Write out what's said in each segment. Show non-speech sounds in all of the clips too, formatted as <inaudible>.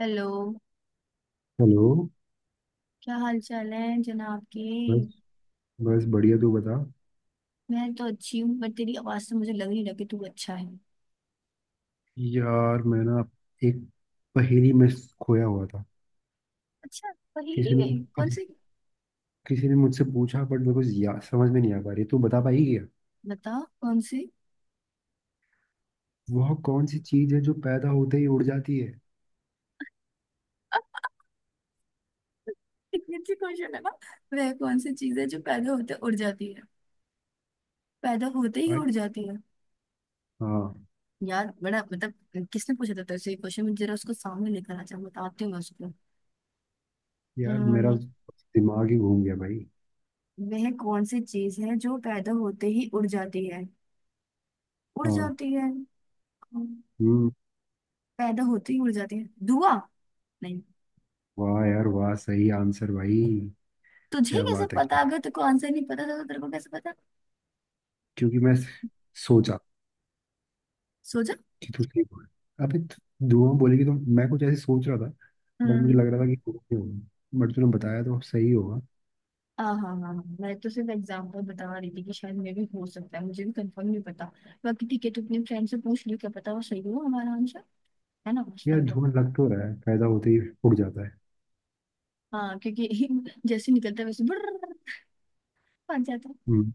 Hello. Hello. क्या हाल चाल है जनाब के। बस बस बढ़िया, तू बता। मैं तो अच्छी हूँ पर तेरी आवाज से मुझे लग नहीं रहा कि तू अच्छा है। यार मैं ना, एक पहेली में खोया हुआ था। अच्छा। पहेली किसी ने में कौन किस, सी? किसी ने मुझसे पूछा, बट मेरे को समझ में नहीं आ पा रही। तू बता पाई क्या बता कौन सी? वह कौन सी चीज है जो पैदा होते ही उड़ जाती है? <laughs> इतनी अच्छी क्वेश्चन है ना। वह कौन सी चीज है जो पैदा होते उड़ जाती है? पैदा होते ही भाई उड़ जाती है? हाँ। यार बड़ा मतलब किसने पूछा था तेरे से ये क्वेश्चन, मुझे जरा उसको सामने लेकर आ जा, बताती हूँ मैं उसको। यार मेरा अम्म, दिमाग ही घूम गया भाई। वह कौन सी चीज है जो पैदा होते ही उड़ जाती है, उड़ हाँ। जाती है? अम्म, हम्म। पैदा होते ही उड़ जाती है, धुआं? नहीं। वाह यार वाह, सही आंसर भाई। तुझे क्या कैसे बात है पता? क्या। अगर तेरे को आंसर नहीं पता था तो तेरे को कैसे पता? क्योंकि मैं सोचा सोचा। कि तू सेफ हो। अबे तो दुआ बोलेगी तो मैं कुछ ऐसे सोच रहा था। बट मुझे हम्म। लग रहा था कि कुछ नहीं होगा, बट तूने बताया तो सही होगा। हाँ हाँ हाँ हाँ, मैं तो सिर्फ एग्जाम्पल बता रही थी कि शायद मे भी हो सकता है, मुझे भी कंफर्म नहीं पता। बाकी ठीक है तो अपने फ्रेंड से पूछ लियो, क्या पता वो सही हो हमारा आंसर। है ना, उस यार टाइप का। धुआं लग तो रहा है, पैदा होते ही उड़ जाता है। हाँ क्योंकि <laughs> जैसे निकलता है वैसे बर्र बच जाता है। हम्म।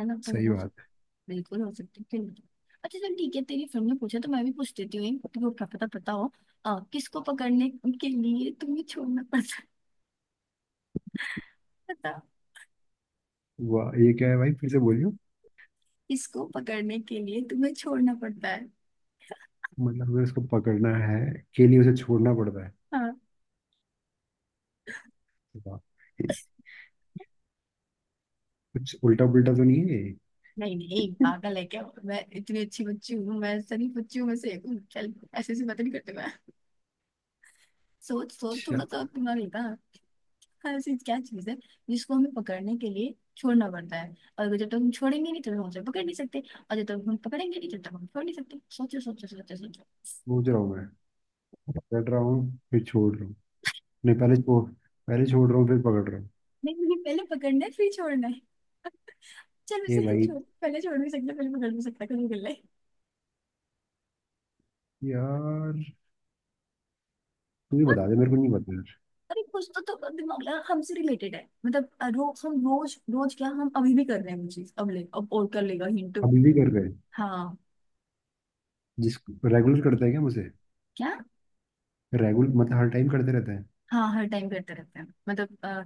है ना तो सही हो बात सकता। है। बिल्कुल हो सकता है, क्यों नहीं। अच्छा चल ठीक है, तेरी फ्रेंड ने पूछा तो मैं भी पूछ देती हूँ तुमको, क्या पता पता हो। किसको पकड़ने के लिए तुम्हें छोड़ना पड़ता है? वाह ये क्या है भाई, फिर से बोलियो। इसको पकड़ने के लिए तुम्हें छोड़ना पड़ता है। मतलब हमें उसको पकड़ना है, के लिए उसे छोड़ना पड़ता है। हाँ। वाह। कुछ उल्टा पुल्टा तो नहीं है ये? नहीं नहीं पागल है क्या, मैं इतनी अच्छी बच्ची हूँ, मैं सभी बच्चियों में से एक हूँ, चल ऐसे ऐसी बातें नहीं करते मैं। सोच सोच थोड़ा अच्छा। सा तुम्हारा लेता हाँ। हाँ, ऐसी क्या चीज है जिसको हमें पकड़ने के लिए छोड़ना पड़ता है, और जब तक हम छोड़ेंगे नहीं तब तक हम उसे पकड़ नहीं सकते, और जब तक हम पकड़ेंगे नहीं तब तक हम छोड़ नहीं सकते। सोचो सोचो सोचो सोचो। सोच रहा हूँ मैं। पकड़ रहा हूँ फिर छोड़ रहा हूँ। नहीं, पहले छोड़। पहले छोड़ रहा हूँ फिर पकड़ रहा हूँ। नहीं नहीं पहले पकड़ना है फिर छोड़ना है। चल ए उसे तू भाई, छोड़, पहले छोड़ भी सकता पहले पकड़ भी सकता, कभी कर ले। यार तू ही बता दे, मेरे को नहीं पता यार। अरे कुछ तो, दिमाग लगा, हमसे रिलेटेड है मतलब। रोज हम रोज रोज क्या हम अभी भी कर रहे हैं वो चीज, अब ले, अब और कर लेगा हिंट। अभी भी कर रहे हैं? हाँ। जिस रेगुलर करता है क्या मुझे? क्या? रेगुलर मतलब हर टाइम करते रहता है। हाँ हर टाइम करते रहते हैं मतलब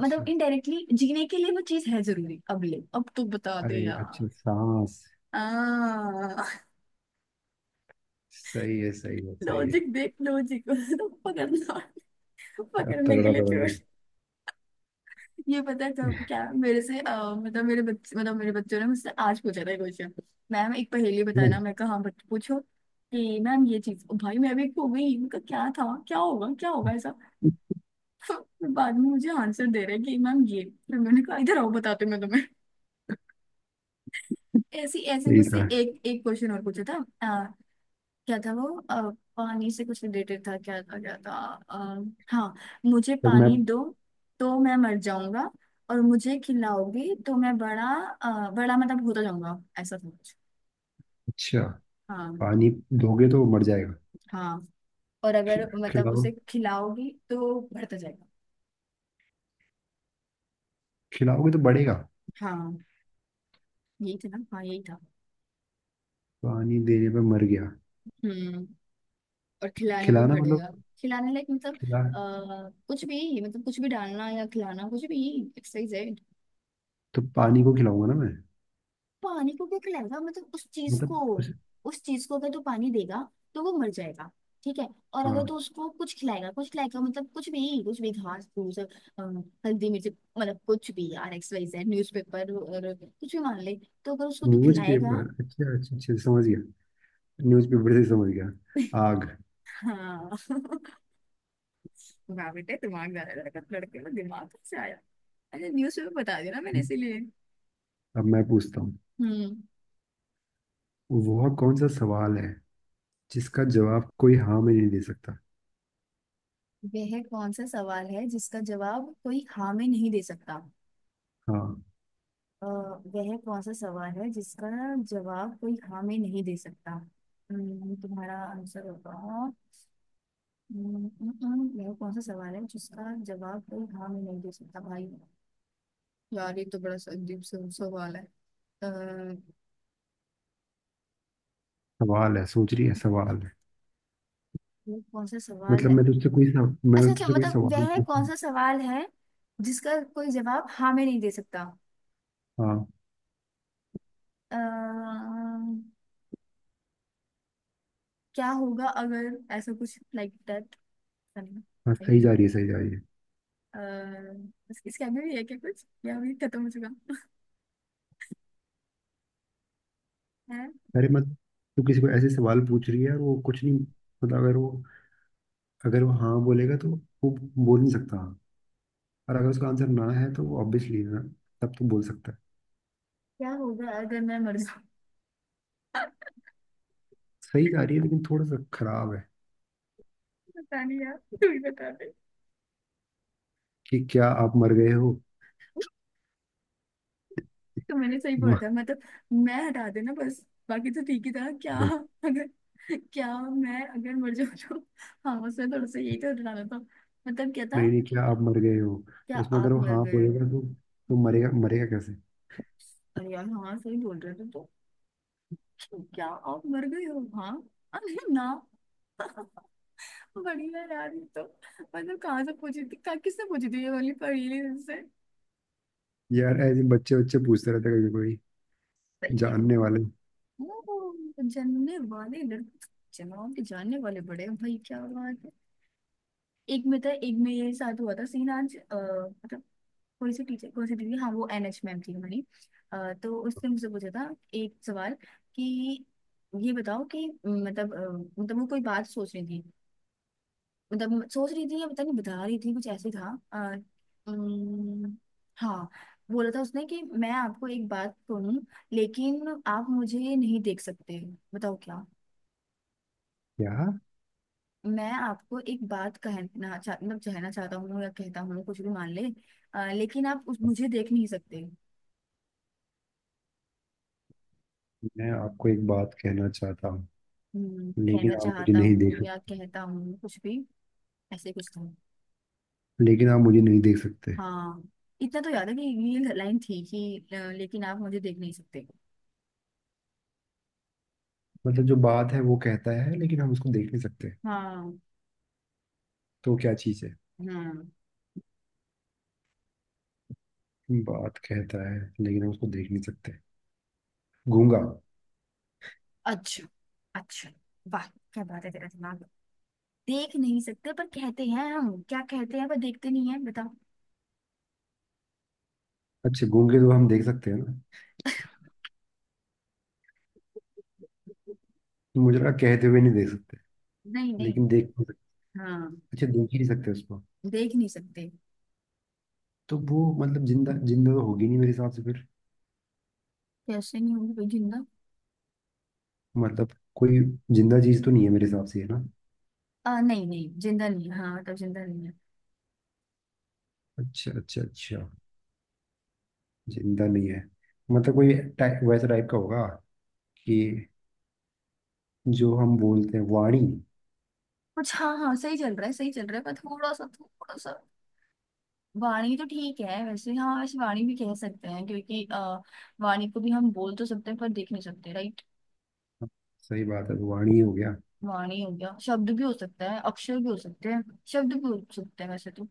मतलब इनडायरेक्टली जीने के लिए वो चीज है जरूरी। अब ले अब तो बता अरे दे यार। अच्छा, सांस। आ सही है, सही है, सही है। लॉजिक देख लॉजिक। <laughs> पकड़ना क्या पकड़ने के तगड़ा लिए था थी। भाई। ये पता है तब, क्या मेरे से मतलब मेरे बच्चे मतलब मेरे बच्चों ने मुझसे आज पूछा था क्वेश्चन। मैम एक पहेली बताना, हम्म, मैं कहा हाँ बट पूछो। कि मैम ये चीज, भाई मैं भी खो गई, उनका क्या था, क्या होगा ऐसा। <laughs> फिर बाद में मुझे आंसर दे रहे कि मैम ये। फिर मैंने कहा इधर आओ बताते मैं तुम्हें। ऐसी ऐसे सही मुझसे था। एक एक क्वेश्चन और पूछा था। क्या था वो पानी से कुछ रिलेटेड था, क्या था क्या था हाँ। मुझे जब मैं। पानी दो तो मैं मर जाऊंगा, और मुझे खिलाओगी तो मैं बड़ा बड़ा मतलब होता जाऊंगा, ऐसा था कुछ। अच्छा। हाँ। पानी दोगे तो वो मर जाएगा। हाँ, और अगर मतलब खिलाओ। उसे खिलाओगी तो बढ़ता जाएगा। खिलाओगे तो बढ़ेगा। हाँ यही था ना, हाँ यही था। पानी देने पे मर गया। हम्म। और खिलाने पे खिलाना बढ़ेगा। मतलब। खिलाने लाइक मतलब खिला। कुछ भी, मतलब कुछ भी डालना या खिलाना, कुछ भी एक्सरसाइज है। तो पानी को खिलाऊंगा ना मैं। पानी को क्या खिलाएगा, मतलब उस चीज को। मतलब कुछ। उस चीज को अगर तू पानी देगा तो वो मर जाएगा, ठीक है। और अगर तू हाँ। उसको कुछ खिलाएगा, कुछ खिलाएगा मतलब कुछ भी, कुछ भी घास फूस हल्दी मिर्च, मतलब कुछ भी यार, X Y Z newspaper और कुछ भी मान ले। तो अगर उसको तू न्यूज खिलाएगा। पेपर, अच्छा अच्छा अच्छा समझ गया। न्यूज पेपर से समझ गया। <laughs> आग। हाँ। <laughs> वाह बेटे, दिमाग ज्यादा लड़का, लड़के को दिमाग कैसे आया। अच्छा न्यूज पेपर बता दिया ना मैंने इसीलिए। अब मैं पूछता हूँ, हम्म। वह कौन सा सवाल है जिसका जवाब कोई हाँ में नहीं दे सकता। वह कौन सा सवाल है जिसका जवाब कोई हाँ में नहीं दे सकता? हाँ। वह कौन सा सवाल है जिसका जवाब कोई हाँ में नहीं दे सकता? तुम्हारा आंसर होगा वह कौन सा सवाल है जिसका जवाब कोई हाँ में नहीं दे सकता भाई? यार ये तो बड़ा सा अजीब सा सवाल है। अ, सवाल है, सोच रही है सवाल है। वह कौन सा सवाल मतलब है। मैं तुझसे मैं अच्छा अच्छा तुझसे कोई मतलब सवाल वह कौन पूछूं। सा सवाल है जिसका कोई जवाब हाँ में नहीं दे सकता। हाँ, अ, क्या होगा अगर, ऐसा कुछ लाइक दैट। हाँ सही जा रही है, सही जा रही है। अ, इसके आगे भी है क्या कुछ या अभी खत्म हो चुका है? अरे मत। तू किसी को ऐसे सवाल पूछ रही है और वो कुछ नहीं। मतलब अगर वो, अगर वो हाँ बोलेगा तो वो बोल नहीं सकता हाँ। और अगर उसका आंसर ना है तो वो ऑब्वियसली ना तब तो बोल सकता है। क्या होगा अगर मैं मर जाऊँ? सही जा रही है लेकिन थोड़ा सा खराब है। पता नहीं यार, तू ही बता दे। कि क्या आप मर गए हो। तो मैंने सही बोला था <laughs> मतलब, मैं हटा देना बस, बाकी तो ठीक ही था क्या। अगर, क्या मैं अगर मर जाऊँ तो, हाँ उसमें थोड़ा सा यही तो हटाना था। मतलब क्या था? नहीं नहीं, क्या आप मर गए हो क्या तो उसमें अगर आप वो मर हाँ गए हो? बोलेगा तो मरेगा, मरेगा कैसे। अरे यार हाँ सही बोल रहे थे तो, क्या आप मर गए हो हाँ। अरे ना। बढ़िया यार ये तो। मतलब कहाँ से पूछी थी, कहाँ किससे पूछी थी ये वाली पहेली, यार ऐसे बच्चे बच्चे पूछते रहते हैं, कभी कोई से? जानने वाले। ओ, जानने वाले लड़के। जनाब के जानने वाले बड़े हैं भाई, क्या बात है। एक में था, एक में ये साथ हुआ था सीन आज मतलब कोई सी टीचर कोई सी दीदी, हाँ वो एन एच मैम थी हमारी। तो उसने मुझसे पूछा था एक सवाल कि ये बताओ कि मतलब मतलब वो कोई बात सोच रही थी, मतलब सोच रही थी या पता नहीं बता रही थी, कुछ ऐसे था। आ, हाँ, बोला था उसने कि मैं आपको एक बात कहूँ लेकिन आप मुझे नहीं देख सकते। बताओ क्या? यार मैं आपको एक बात कहना चाह, मतलब कहना चाहता हूँ या कहता हूँ, कुछ भी मान ले। लेकिन आप मुझे देख नहीं सकते। मैं आपको एक बात कहना चाहता हूँ लेकिन कहना आप मुझे चाहता नहीं हूँ देख या कहता हूँ, कुछ भी। ऐसे कुछ था। लेकिन आप मुझे नहीं देख सकते। हाँ, इतना तो याद है कि ये लाइन थी कि लेकिन आप मुझे देख नहीं सकते। मतलब जो बात है वो कहता है लेकिन हम उसको देख नहीं सकते, हाँ। तो वो क्या चीज़ है। हाँ। बात कहता है लेकिन हम उसको देख नहीं सकते। गूंगा। अच्छा। अच्छा। वाह, क्या बात है तेरा दिमाग। देख नहीं सकते पर कहते हैं, हम क्या कहते हैं पर देखते नहीं है? बताओ। अच्छा गूंगे तो हम देख सकते हैं ना, तो मुझे लगा कहते हुए नहीं देख सकते। नहीं नहीं। लेकिन देख नहीं सकते। हाँ। अच्छा देख ही नहीं सकते उसको। देख नहीं सकते। तो वो मतलब जिंदा जिंदा तो होगी नहीं मेरे हिसाब से फिर। कैसे नहीं होंगे, कोई जिंदा? मतलब कोई जिंदा चीज तो नहीं है मेरे हिसाब से, है ना। नहीं नहीं जिंदा नहीं है, हाँ मतलब जिंदा नहीं है। अच्छा अच्छा अच्छा। जिंदा नहीं है। मतलब कोई टाइप, वैसा टाइप का होगा कि जो हम बोलते हैं, वाणी। कुछ, हाँ हाँ सही चल रहा है सही चल रहा है, पर थोड़ा सा थोड़ा सा। वाणी तो ठीक है वैसे, हाँ वैसे वाणी भी कह सकते हैं क्योंकि वाणी को भी हम बोल तो सकते हैं पर देख नहीं सकते, राइट। सही बात है, वाणी हो गया। वाणी हो गया, शब्द भी हो सकता है, अक्षर भी हो सकते हैं, शब्द भी हो सकते हैं वैसे तो।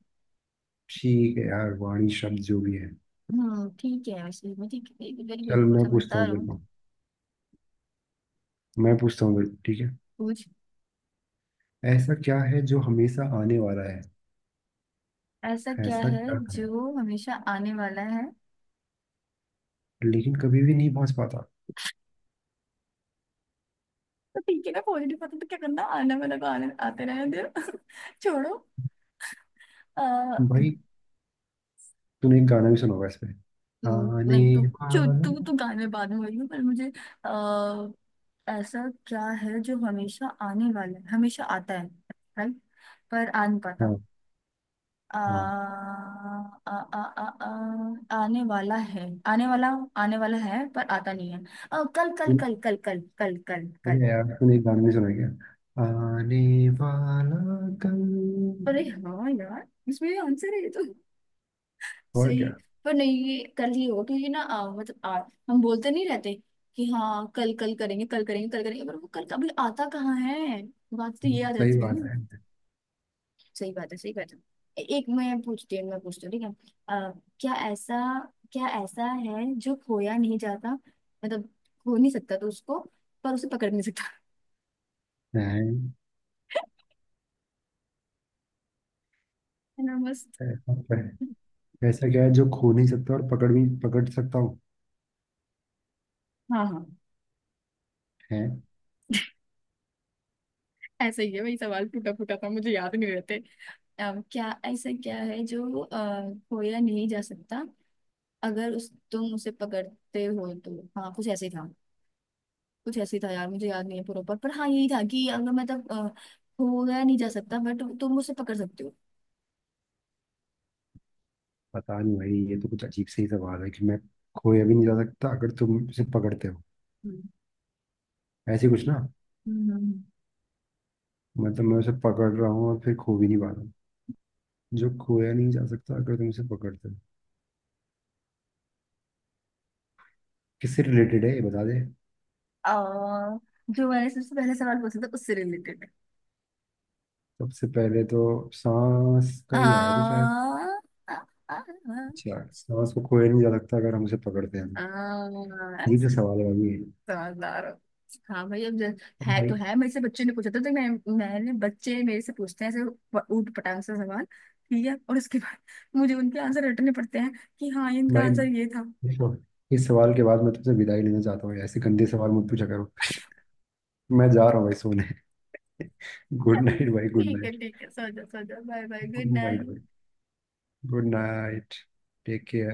ठीक है यार, वाणी शब्द जो भी है। ठीक है वैसे, मैं ठीक है वेरी गुड चल मैं पूछता समझदार हूँ तेरे हूँ। को। मैं पूछता हूँ तेरे को, ठीक है। पूछ। ऐसा क्या है जो हमेशा आने वाला है? ऐसा क्या ऐसा है क्या है जो हमेशा आने वाला है? लेकिन कभी भी नहीं पहुंच पाता? तो ठीक है ना पॉजिटिव, पता तो क्या करना, आने वाला को आने आते रहने दो। <laughs> छोड़ो। भाई तूने एक गाना भी सुना होगा इस पे। तो आने नहीं तो। जो वाला। तू तो गाने बाद में बोलेगी, पर मुझे आ, ऐसा क्या है जो हमेशा आने वाला है, हमेशा आता है, राइट, पर आ नहीं पाता। हाँ आ, हाँ। आ, आ, आ, आ, आने वाला है, आने वाला, आने वाला है पर आता नहीं है। कल कल तू- कल कल कल कल कल कल। अबे यार तूने एक गाना भी सुना है क्या। आने वाला कल। अरे हाँ यार, इसमें आंसर है ये तो। और सही। क्या। पर नहीं ये कल ही होगा क्योंकि ना मतलब हम बोलते नहीं रहते कि हाँ कल कल करेंगे कल करेंगे कल करेंगे, पर वो कल कभी आता कहाँ है, बात तो ये याद सही रहती है बात ना। है। सही बात है, सही बात है। एक मैं पूछती हूँ, मैं पूछती हूँ ठीक है। क्या ऐसा, क्या ऐसा है जो खोया नहीं जाता, मतलब खो नहीं सकता तो उसको, पर उसे पकड़ नहीं सकता? है। <laughs> है ना मस्त। ऐसा क्या है? ऐसा क्या है जो खो नहीं सकता और पकड़ सकता हूँ? हाँ हाँ। है। ऐसा ही है, वही सवाल टूटा फूटा था मुझे याद नहीं रहते। क्या ऐसा क्या है जो खोया नहीं जा सकता अगर उस तुम उसे पकड़ते हो तो, हाँ कुछ ऐसे ही था। कुछ ऐसे ही था यार, मुझे याद नहीं है प्रॉपर, पर हाँ यही था कि अगर मतलब खोया नहीं जा सकता बट तुम उसे पकड़ सकते हो। पता नहीं भाई ये तो कुछ अजीब से ही सवाल है कि मैं। खोया भी नहीं जा सकता अगर तुम उसे पकड़ते हो, हम्म। ऐसे कुछ ना। हम्म। हम्म। मतलब मैं उसे पकड़ रहा हूँ और फिर खो भी नहीं पा रहा हूँ। जो खोया नहीं जा सकता अगर तुम उसे पकड़ते हो। किससे रिलेटेड है ये बता दे। आ, जो मैंने सबसे पहले सवाल पूछा था उससे रिलेटेड। सबसे पहले तो सांस का आ, ही आया था शायद। आ, आ, अच्छा सांस को खोया नहीं जा सकता अगर हम उसे पकड़ते हैं। आ, आ, अजीब सा सवाल है भाई ये। समझदार हो। हाँ भाई अब अब है भाई, तो है, मेरे से बच्चे ने पूछा था तो मैं, मैंने बच्चे मेरे से पूछते हैं ऐसे ऊट पटांग से सवाल ठीक है, और उसके बाद <laughs> मुझे उनके आंसर रटने पड़ते हैं कि हाँ इनका भाई आंसर ये था। देखो, इस सवाल के बाद मैं तुमसे विदाई लेना चाहता हूँ। ऐसे गंदे सवाल मत पूछा करो। मैं जा रहा हूँ भाई सोने। <laughs> गुड <laughs> नाइट भाई, गुड ठीक है नाइट। ठीक है, सो जाओ सो जाओ, bye bye good good night night. भाई, गुड नाइट। Take care.